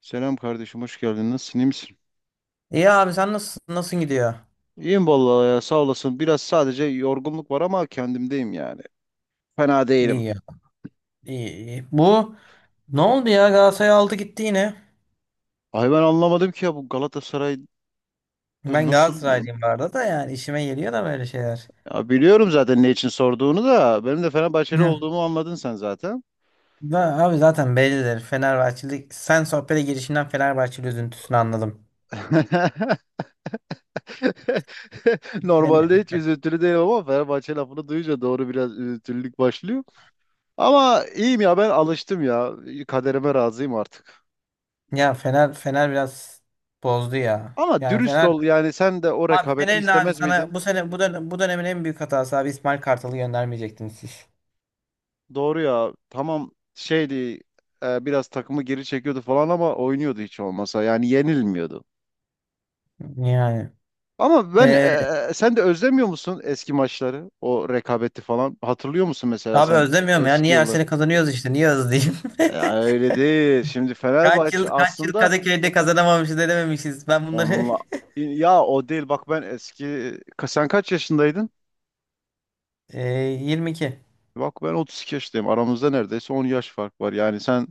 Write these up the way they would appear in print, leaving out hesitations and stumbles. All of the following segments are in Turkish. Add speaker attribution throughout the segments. Speaker 1: Selam kardeşim, hoş geldin. Nasılsın, iyi misin?
Speaker 2: İyi abi sen nasıl gidiyor?
Speaker 1: İyiyim vallahi ya, sağ olasın. Biraz sadece yorgunluk var ama kendimdeyim yani. Fena
Speaker 2: İyi
Speaker 1: değilim.
Speaker 2: ya. İyi, iyi. Bu ne oldu ya, Galatasaray aldı gitti yine.
Speaker 1: Ay ben anlamadım ki ya bu Galatasaray'da
Speaker 2: Ben
Speaker 1: nasıl...
Speaker 2: Galatasaraylıyım bu arada da, yani işime geliyor da böyle şeyler.
Speaker 1: Ya biliyorum zaten ne için sorduğunu da. Benim de Fenerbahçeli
Speaker 2: Hı.
Speaker 1: olduğumu anladın sen zaten.
Speaker 2: Da, abi zaten bellidir. Fenerbahçeli, sen sohbete girişinden Fenerbahçeli üzüntüsünü anladım. Beni,
Speaker 1: Normalde hiç üzüntülü değilim ama Fenerbahçe lafını duyunca doğru biraz üzüntülülük başlıyor. Ama iyiyim ya ben alıştım ya. Kaderime razıyım artık.
Speaker 2: ya Fener biraz bozdu ya.
Speaker 1: Ama
Speaker 2: Yani
Speaker 1: dürüst
Speaker 2: Fener
Speaker 1: ol yani sen de o
Speaker 2: abi,
Speaker 1: rekabeti
Speaker 2: Fener'in abi
Speaker 1: istemez miydin?
Speaker 2: sana bu sene bu dönem, bu dönemin en büyük hatası, abi İsmail Kartal'ı göndermeyecektiniz siz.
Speaker 1: Doğru ya. Tamam şeydi, biraz takımı geri çekiyordu falan ama oynuyordu hiç olmasa. Yani yenilmiyordu.
Speaker 2: Yani.
Speaker 1: Ama ben
Speaker 2: Ee,
Speaker 1: sen de özlemiyor musun eski maçları? O rekabeti falan. Hatırlıyor musun mesela
Speaker 2: abi
Speaker 1: sen
Speaker 2: özlemiyorum ya.
Speaker 1: eski
Speaker 2: Niye her
Speaker 1: yılları?
Speaker 2: sene kazanıyoruz işte. Niye özleyeyim?
Speaker 1: Ya öyle değil. Şimdi
Speaker 2: Kaç yıl
Speaker 1: Fenerbahçe
Speaker 2: kaç yıl
Speaker 1: aslında
Speaker 2: Kadıköy'de kazanamamışız edememişiz. Ben bunları
Speaker 1: onunla, ya o değil. Bak ben eski, sen kaç yaşındaydın?
Speaker 2: Ee, 22.
Speaker 1: Bak ben 32 yaşındayım. Aramızda neredeyse 10 yaş fark var. Yani sen,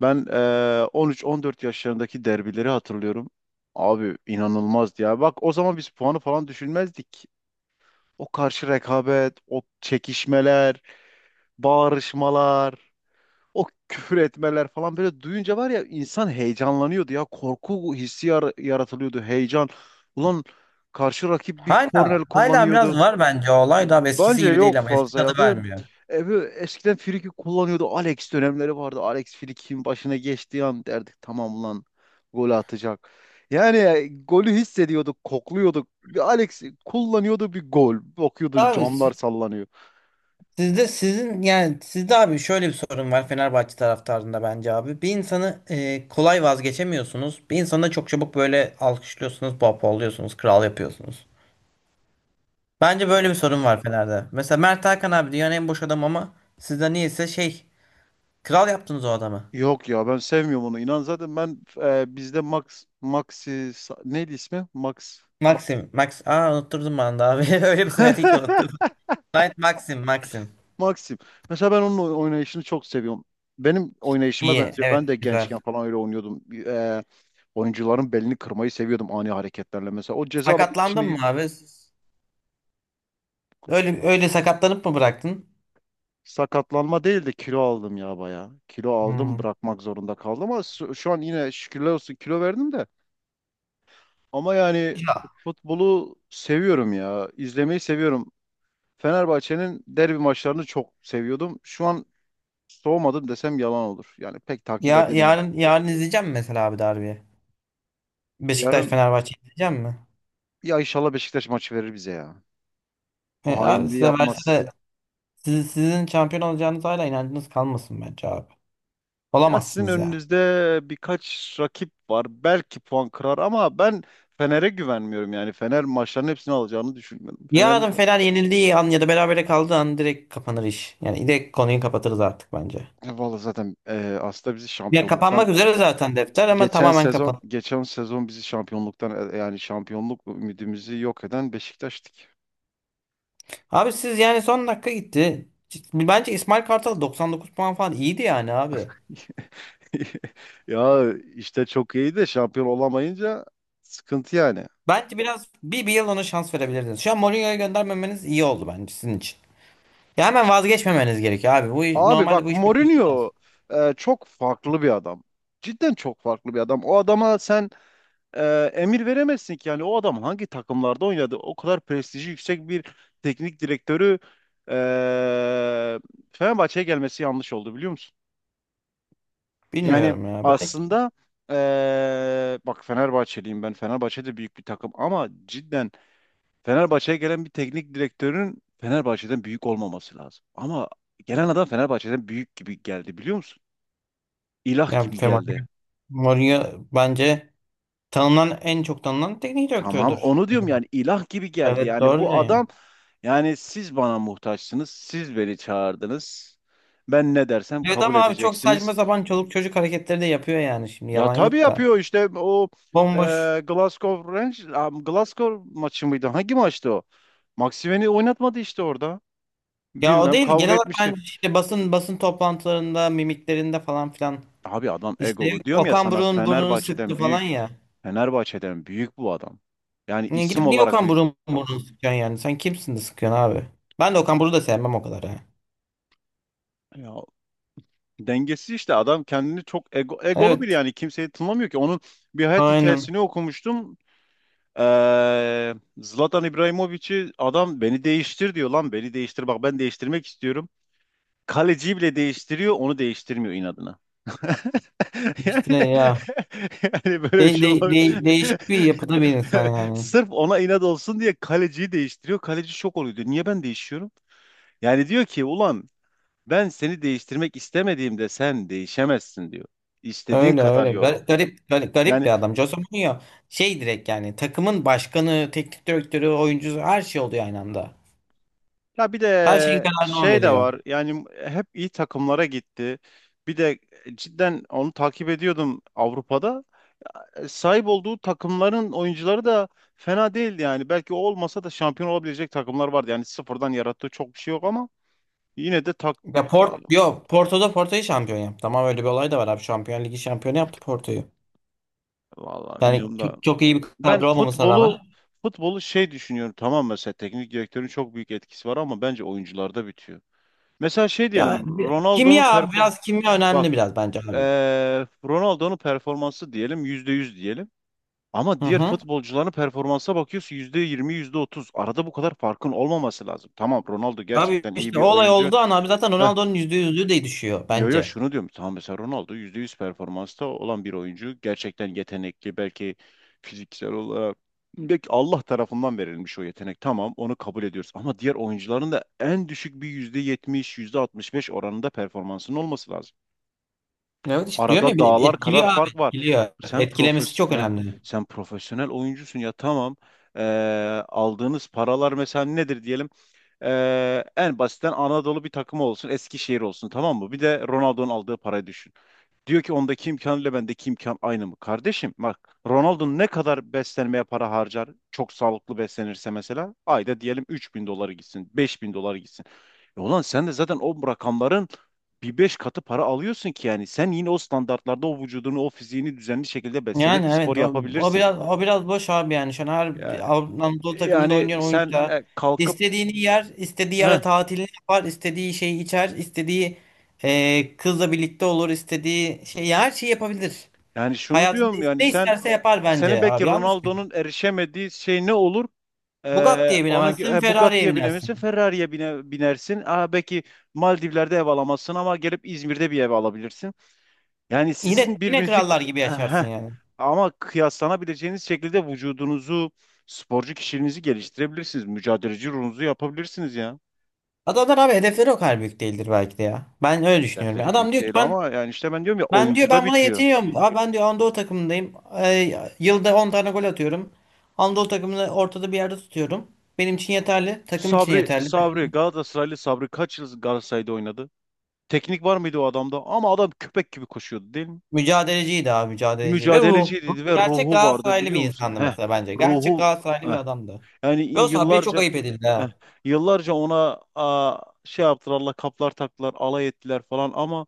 Speaker 1: ben 13-14 yaşlarındaki derbileri hatırlıyorum. Abi inanılmazdı ya. Bak o zaman biz puanı falan düşünmezdik. O karşı rekabet, o çekişmeler, bağırışmalar, o küfür etmeler falan böyle duyunca var ya, insan heyecanlanıyordu ya. Korku hissi yaratılıyordu, heyecan. Ulan karşı rakip bir
Speaker 2: Hala
Speaker 1: korner
Speaker 2: hala biraz
Speaker 1: kullanıyordu.
Speaker 2: var bence, o olay da eskisi
Speaker 1: Bence
Speaker 2: gibi
Speaker 1: yok
Speaker 2: değil, ama eski
Speaker 1: fazla
Speaker 2: tadı
Speaker 1: ya. Böyle,
Speaker 2: vermiyor.
Speaker 1: e, böyle eskiden Friki kullanıyordu. Alex dönemleri vardı. Alex Friki'nin başına geçtiği an derdik, tamam lan, gol atacak. Yani golü hissediyorduk, kokluyorduk. Bir Alex kullanıyordu, bir gol. Bakıyordun
Speaker 2: Abi
Speaker 1: camlar sallanıyor.
Speaker 2: sizde, sizin yani, sizde abi şöyle bir sorun var Fenerbahçe taraftarında bence abi. Bir insanı kolay vazgeçemiyorsunuz. Bir insanı da çok çabuk böyle alkışlıyorsunuz, pohpohluyorsunuz, kral yapıyorsunuz. Bence böyle bir sorun var Fener'de. Mesela Mert Hakan abi dünyanın en boş adam, ama sizde niyeyse şey, kral yaptınız o adamı.
Speaker 1: Yok ya, ben sevmiyorum onu. İnan zaten ben bizde Max, Maxi, neydi ismi? Max.
Speaker 2: Maxim. Max. Aa, unutturdum ben de abi. Öyle bir söyledi ki unuttum. Knight Maxim. Maxim.
Speaker 1: Maxim. Mesela ben onun oynayışını çok seviyorum. Benim oynayışıma
Speaker 2: İyi.
Speaker 1: benziyor. Ben
Speaker 2: Evet.
Speaker 1: de
Speaker 2: Güzel.
Speaker 1: gençken falan öyle oynuyordum. Oyuncuların belini kırmayı seviyordum ani hareketlerle. Mesela o ceza alanı içinde,
Speaker 2: Sakatlandın mı abi? Öyle öyle sakatlanıp mı bıraktın?
Speaker 1: sakatlanma değil de kilo aldım ya baya. Kilo aldım,
Speaker 2: Hmm.
Speaker 1: bırakmak zorunda kaldım, ama şu an yine şükürler olsun kilo verdim de. Ama yani
Speaker 2: Ya.
Speaker 1: futbolu seviyorum ya. İzlemeyi seviyorum. Fenerbahçe'nin derbi maçlarını çok seviyordum. Şu an soğumadım desem yalan olur. Yani pek takip
Speaker 2: Ya
Speaker 1: edemiyorum.
Speaker 2: yarın izleyeceğim mi mesela abi derbi? Beşiktaş
Speaker 1: Yarın,
Speaker 2: Fenerbahçe izleyeceğim mi?
Speaker 1: ya inşallah Beşiktaş maçı verir bize ya.
Speaker 2: E,
Speaker 1: O
Speaker 2: abi
Speaker 1: hainliği
Speaker 2: size verse
Speaker 1: yapmaz.
Speaker 2: de sizin şampiyon olacağınız hala inancınız kalmasın bence abi.
Speaker 1: Ya sizin
Speaker 2: Olamazsınız yani.
Speaker 1: önünüzde birkaç rakip var. Belki puan kırar ama ben Fener'e güvenmiyorum yani. Fener maçların hepsini alacağını düşünmüyorum. Fener.
Speaker 2: Yarın Fener yenildiği an ya da berabere kaldığı an direkt kapanır iş. Yani direkt konuyu kapatırız artık bence.
Speaker 1: Vallahi zaten aslında bizi
Speaker 2: Ya,
Speaker 1: şampiyonluktan,
Speaker 2: kapanmak üzere zaten defter, ama
Speaker 1: geçen
Speaker 2: tamamen
Speaker 1: sezon
Speaker 2: kapan.
Speaker 1: geçen sezon bizi şampiyonluktan yani şampiyonluk ümidimizi yok eden Beşiktaş'tık.
Speaker 2: Abi siz yani son dakika gitti. Bence İsmail Kartal 99 puan falan iyiydi yani abi.
Speaker 1: Ya işte çok iyi de şampiyon olamayınca sıkıntı yani.
Speaker 2: Bence biraz bir yıl ona şans verebilirdiniz. Şu an Mourinho'ya göndermemeniz iyi oldu bence sizin için. Ya, hemen vazgeçmemeniz gerekiyor abi. Bu iş-
Speaker 1: Abi
Speaker 2: normalde
Speaker 1: bak,
Speaker 2: bu iş böyle olmaz.
Speaker 1: Mourinho çok farklı bir adam. Cidden çok farklı bir adam. O adama sen emir veremezsin ki. Yani o adam hangi takımlarda oynadı? O kadar prestiji yüksek bir teknik direktörü e, Fenerbahçe'ye gelmesi yanlış oldu, biliyor musun? Yani
Speaker 2: Bilmiyorum ya. Belki.
Speaker 1: aslında e, bak, Fenerbahçeliyim ben. Fenerbahçe de büyük bir takım ama cidden Fenerbahçe'ye gelen bir teknik direktörün Fenerbahçe'den büyük olmaması lazım. Ama gelen adam Fenerbahçe'den büyük gibi geldi, biliyor musun? İlah
Speaker 2: Ya
Speaker 1: gibi geldi.
Speaker 2: Mourinho bence en çok tanınan teknik
Speaker 1: Tamam
Speaker 2: direktördür.
Speaker 1: onu diyorum yani, ilah gibi geldi.
Speaker 2: Evet,
Speaker 1: Yani
Speaker 2: doğru
Speaker 1: bu
Speaker 2: diyorsun.
Speaker 1: adam, yani siz bana muhtaçsınız. Siz beni çağırdınız. Ben ne dersem
Speaker 2: Evet
Speaker 1: kabul
Speaker 2: ama abi çok
Speaker 1: edeceksiniz.
Speaker 2: saçma sapan çoluk çocuk hareketleri de yapıyor yani, şimdi
Speaker 1: Ya
Speaker 2: yalan
Speaker 1: tabii
Speaker 2: yok da.
Speaker 1: yapıyor işte o, e,
Speaker 2: Bomboş.
Speaker 1: Glasgow Rangers, Glasgow maçı mıydı? Hangi maçtı o? Maximen'i oynatmadı işte orada.
Speaker 2: Ya o
Speaker 1: Bilmem,
Speaker 2: değil.
Speaker 1: kavga
Speaker 2: Genel olarak ben
Speaker 1: etmişti.
Speaker 2: işte basın toplantılarında, mimiklerinde falan filan.
Speaker 1: Abi adam
Speaker 2: İşte
Speaker 1: egolu. Diyorum ya
Speaker 2: Okan
Speaker 1: sana,
Speaker 2: Buruk'un burnunu sıktı
Speaker 1: Fenerbahçe'den
Speaker 2: falan
Speaker 1: büyük.
Speaker 2: ya.
Speaker 1: Fenerbahçe'den büyük bu adam. Yani
Speaker 2: Niye gidip
Speaker 1: isim
Speaker 2: niye
Speaker 1: olarak
Speaker 2: Okan
Speaker 1: büyük.
Speaker 2: Buruk'un burnunu sıkıyorsun yani? Sen kimsin de sıkıyorsun abi? Ben de Okan Buruk'u da sevmem o kadar ha.
Speaker 1: Ya, dengesiz işte adam, kendini çok egolu bir,
Speaker 2: Evet.
Speaker 1: yani kimseyi tınlamıyor ki. Onun bir hayat
Speaker 2: Aynen.
Speaker 1: hikayesini okumuştum. Zlatan İbrahimovic'i, adam beni değiştir diyor, lan beni değiştir bak, ben değiştirmek istiyorum. Kaleciyi bile değiştiriyor, onu değiştirmiyor inadına. Yani,
Speaker 2: İşte ya.
Speaker 1: yani, böyle bir
Speaker 2: De,
Speaker 1: şey
Speaker 2: de,
Speaker 1: olabilir.
Speaker 2: de- değişik bir yapıda bir insan yani.
Speaker 1: Sırf ona inat olsun diye kaleciyi değiştiriyor. Kaleci şok oluyor, diyor niye ben değişiyorum? Yani diyor ki, ulan ben seni değiştirmek istemediğimde sen değişemezsin diyor. İstediğin
Speaker 2: Öyle
Speaker 1: kadar
Speaker 2: öyle.
Speaker 1: yorum.
Speaker 2: Garip, garip, garip
Speaker 1: Yani
Speaker 2: bir adam. Jose Mourinho şey, direkt yani takımın başkanı, teknik direktörü, oyuncusu, her şey oluyor aynı anda.
Speaker 1: ya, bir
Speaker 2: Her şeyin
Speaker 1: de
Speaker 2: kararını o
Speaker 1: şey de
Speaker 2: veriyor.
Speaker 1: var. Yani hep iyi takımlara gitti. Bir de cidden onu takip ediyordum Avrupa'da. Sahip olduğu takımların oyuncuları da fena değildi yani. Belki o olmasa da şampiyon olabilecek takımlar vardı. Yani sıfırdan yarattığı çok bir şey yok ama yine de, tak,
Speaker 2: Ya
Speaker 1: tak
Speaker 2: yok, Porto'da Porto'yu şampiyon yaptı. Ama öyle bir olay da var abi. Şampiyon Ligi şampiyonu yaptı Porto'yu.
Speaker 1: vallahi
Speaker 2: Yani
Speaker 1: bilmiyorum da.
Speaker 2: çok, çok iyi bir
Speaker 1: Ben
Speaker 2: kadro olmamasına rağmen.
Speaker 1: futbolu şey düşünüyorum, tamam mesela teknik direktörün çok büyük etkisi var ama bence oyuncularda bitiyor. Mesela şey diyelim,
Speaker 2: Ya
Speaker 1: Ronaldo'nun
Speaker 2: kimya abi, biraz kimya
Speaker 1: bak,
Speaker 2: önemli biraz bence abi.
Speaker 1: Ronaldo'nun performansı diyelim %100 diyelim. Ama
Speaker 2: Hı
Speaker 1: diğer
Speaker 2: hı.
Speaker 1: futbolcuların performansa bakıyorsun %20, yüzde otuz. Arada bu kadar farkın olmaması lazım. Tamam, Ronaldo
Speaker 2: Abi
Speaker 1: gerçekten iyi
Speaker 2: işte
Speaker 1: bir
Speaker 2: o olay
Speaker 1: oyuncu.
Speaker 2: olduğu an abi zaten
Speaker 1: Heh,
Speaker 2: Ronaldo'nun yüzde yüzlüğü de düşüyor
Speaker 1: yo yo,
Speaker 2: bence.
Speaker 1: şunu diyorum. Tamam mesela Ronaldo %100 performansta olan bir oyuncu. Gerçekten yetenekli, belki fiziksel olarak. Belki Allah tarafından verilmiş o yetenek. Tamam onu kabul ediyoruz. Ama diğer oyuncuların da en düşük bir yüzde yetmiş, yüzde altmış beş oranında performansının olması lazım.
Speaker 2: Evet işte diyorum
Speaker 1: Arada
Speaker 2: ya, de
Speaker 1: dağlar kadar
Speaker 2: etkiliyor abi,
Speaker 1: fark var.
Speaker 2: etkiliyor.
Speaker 1: Sen
Speaker 2: Etkilemesi çok
Speaker 1: profesyonel,
Speaker 2: önemli.
Speaker 1: sen profesyonel oyuncusun ya, tamam. Ee, Aldığınız paralar mesela nedir diyelim? En basitten Anadolu bir takımı olsun, Eskişehir olsun, tamam mı? Bir de Ronaldo'nun aldığı parayı düşün. Diyor ki, ondaki imkanıyla bendeki imkan aynı mı? Kardeşim bak, Ronaldo ne kadar beslenmeye para harcar? Çok sağlıklı beslenirse mesela ayda diyelim 3.000 doları gitsin, 5.000 doları gitsin. E ulan sen de zaten o rakamların bir beş katı para alıyorsun ki, yani sen yine o standartlarda o vücudunu, o fiziğini düzenli şekilde
Speaker 2: Yani
Speaker 1: beslenip spor
Speaker 2: evet, o
Speaker 1: yapabilirsin.
Speaker 2: biraz, o biraz boş abi yani. Şu an her
Speaker 1: Yani,
Speaker 2: Anadolu takımında
Speaker 1: yani,
Speaker 2: oynayan oyuncu
Speaker 1: sen
Speaker 2: da
Speaker 1: kalkıp,
Speaker 2: istediğini yer, istediği
Speaker 1: heh,
Speaker 2: yere tatilini yapar, istediği şeyi içer, istediği kızla birlikte olur, istediği şey, ya her şeyi yapabilir.
Speaker 1: yani şunu
Speaker 2: Hayatında
Speaker 1: diyorum, yani
Speaker 2: ne isterse yapar
Speaker 1: senin
Speaker 2: bence
Speaker 1: belki
Speaker 2: abi. Yanlış mı?
Speaker 1: Ronaldo'nun erişemediği şey ne olur?
Speaker 2: Bugatti'ye
Speaker 1: Onu,
Speaker 2: binemezsin, Ferrari'ye
Speaker 1: Bugatti'ye binebilirsin,
Speaker 2: binersin.
Speaker 1: Ferrari'ye binersin. Belki Maldivler'de ev alamazsın ama gelip İzmir'de bir ev alabilirsin. Yani
Speaker 2: Yine
Speaker 1: sizin
Speaker 2: yine
Speaker 1: birbirinizi.
Speaker 2: krallar gibi yaşarsın
Speaker 1: Heh.
Speaker 2: yani.
Speaker 1: Ama kıyaslanabileceğiniz şekilde vücudunuzu, sporcu kişiliğinizi geliştirebilirsiniz. Mücadeleci ruhunuzu yapabilirsiniz ya.
Speaker 2: Adamlar abi, hedefleri o kadar büyük değildir belki de ya. Ben öyle düşünüyorum.
Speaker 1: Hedefleri
Speaker 2: Adam
Speaker 1: büyük
Speaker 2: diyor ki
Speaker 1: değil,
Speaker 2: ben.
Speaker 1: ama yani işte ben diyorum ya,
Speaker 2: Ben diyor,
Speaker 1: oyuncuda
Speaker 2: ben buna
Speaker 1: bitiyor.
Speaker 2: yetiniyorum. Abi ben diyor, Anadolu takımındayım. Yılda 10 tane gol atıyorum. Anadolu takımını ortada bir yerde tutuyorum. Benim için yeterli. Takım için
Speaker 1: Sabri,
Speaker 2: yeterli.
Speaker 1: Sabri, Galatasaraylı Sabri kaç yıl Galatasaray'da oynadı? Teknik var mıydı o adamda? Ama adam köpek gibi koşuyordu, değil mi?
Speaker 2: Mücadeleciydi abi, mücadeleci. Ve ruh.
Speaker 1: Mücadeleciydi ve
Speaker 2: Gerçek
Speaker 1: ruhu vardı,
Speaker 2: Galatasaraylı
Speaker 1: biliyor
Speaker 2: bir
Speaker 1: musun?
Speaker 2: insandı
Speaker 1: Heh,
Speaker 2: mesela bence. Gerçek
Speaker 1: ruhu,
Speaker 2: Galatasaraylı bir
Speaker 1: heh.
Speaker 2: adamdı.
Speaker 1: Yani
Speaker 2: Ve o Sabri'ye çok
Speaker 1: yıllarca,
Speaker 2: ayıp edildi
Speaker 1: heh,
Speaker 2: ha.
Speaker 1: yıllarca ona şey yaptılar, Allah kaplar taktılar, alay ettiler falan ama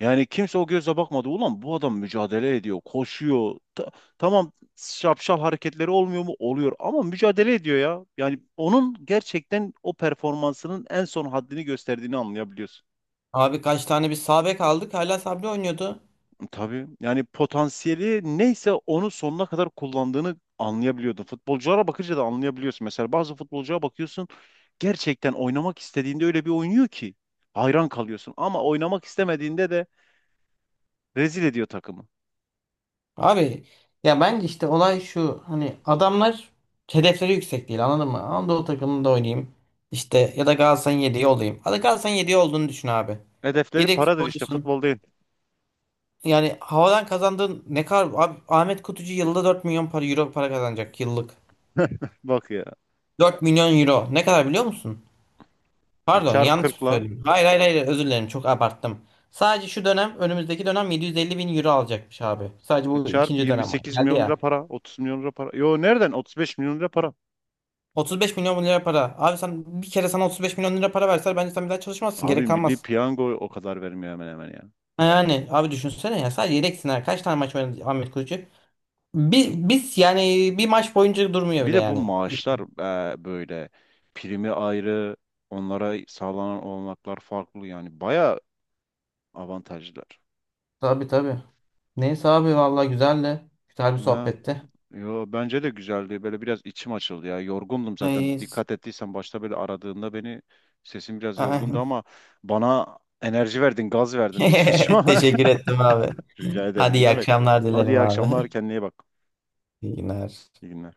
Speaker 1: yani kimse o gözle bakmadı. Ulan bu adam mücadele ediyor, koşuyor. Tamam, şapşal hareketleri olmuyor mu? Oluyor, ama mücadele ediyor ya. Yani onun gerçekten o performansının en son haddini gösterdiğini anlayabiliyorsun.
Speaker 2: Abi kaç tane bir sağ bek aldık. Hala Sabri oynuyordu.
Speaker 1: Tabii yani potansiyeli neyse onu sonuna kadar kullandığını anlayabiliyordun. Futbolculara bakınca da anlayabiliyorsun. Mesela bazı futbolcuya bakıyorsun, gerçekten oynamak istediğinde öyle bir oynuyor ki hayran kalıyorsun. Ama oynamak istemediğinde de rezil ediyor takımı.
Speaker 2: Abi ya bence işte olay şu, hani adamlar hedefleri yüksek değil, anladın mı? Anadolu takımında oynayayım işte, ya da Galatasaray'ın yedeği olayım. Hadi Galatasaray'ın yedeği olduğunu düşün abi.
Speaker 1: Hedefleri
Speaker 2: Yedek
Speaker 1: paradır işte,
Speaker 2: futbolcusun.
Speaker 1: futbol değil.
Speaker 2: Yani havadan kazandığın ne kadar abi, Ahmet Kutucu yılda 4 milyon para, euro para kazanacak yıllık.
Speaker 1: Bak ya,
Speaker 2: 4 milyon euro ne kadar biliyor musun? Pardon,
Speaker 1: çarp
Speaker 2: yanlış mı
Speaker 1: 40'la,
Speaker 2: söyledim? Hayır, hayır, hayır, özür dilerim, çok abarttım. Sadece şu dönem, önümüzdeki dönem 750 bin euro alacakmış abi. Sadece bu
Speaker 1: çarp
Speaker 2: ikinci dönem var.
Speaker 1: 28
Speaker 2: Geldi
Speaker 1: milyon lira
Speaker 2: ya.
Speaker 1: para, 30 milyon lira para. Yo, nereden, 35 milyon lira para.
Speaker 2: 35 milyon lira para. Abi sen, bir kere sana 35 milyon lira para verseler, bence sen bir daha çalışmazsın. Gerek
Speaker 1: Abim, Milli
Speaker 2: kalmaz.
Speaker 1: Piyango o kadar vermiyor hemen hemen ya.
Speaker 2: Yani abi düşünsene ya, sadece yedek sınır. Kaç tane maç oynadı Ahmet Kurucu? Biz, yani bir maç boyunca durmuyor
Speaker 1: Bir
Speaker 2: bile
Speaker 1: de bu
Speaker 2: yani.
Speaker 1: maaşlar böyle, primi ayrı, onlara sağlanan olanaklar farklı, yani bayağı avantajlar.
Speaker 2: Tabii, tabii. Neyse abi, vallahi güzeldi. Güzel bir
Speaker 1: Ha,
Speaker 2: sohbetti.
Speaker 1: yo bence de güzeldi. Böyle biraz içim açıldı ya. Yorgundum
Speaker 2: Ay,
Speaker 1: zaten. Dikkat ettiysen başta böyle aradığında beni, sesim biraz yorgundu ama bana enerji verdin, gaz verdin. Şu an-
Speaker 2: Teşekkür ettim abi.
Speaker 1: Rica ederim.
Speaker 2: Hadi
Speaker 1: Ne
Speaker 2: iyi
Speaker 1: demek?
Speaker 2: akşamlar
Speaker 1: Hadi
Speaker 2: dilerim
Speaker 1: iyi
Speaker 2: abi.
Speaker 1: akşamlar. Kendine iyi bak.
Speaker 2: İyi günler.
Speaker 1: İyi günler.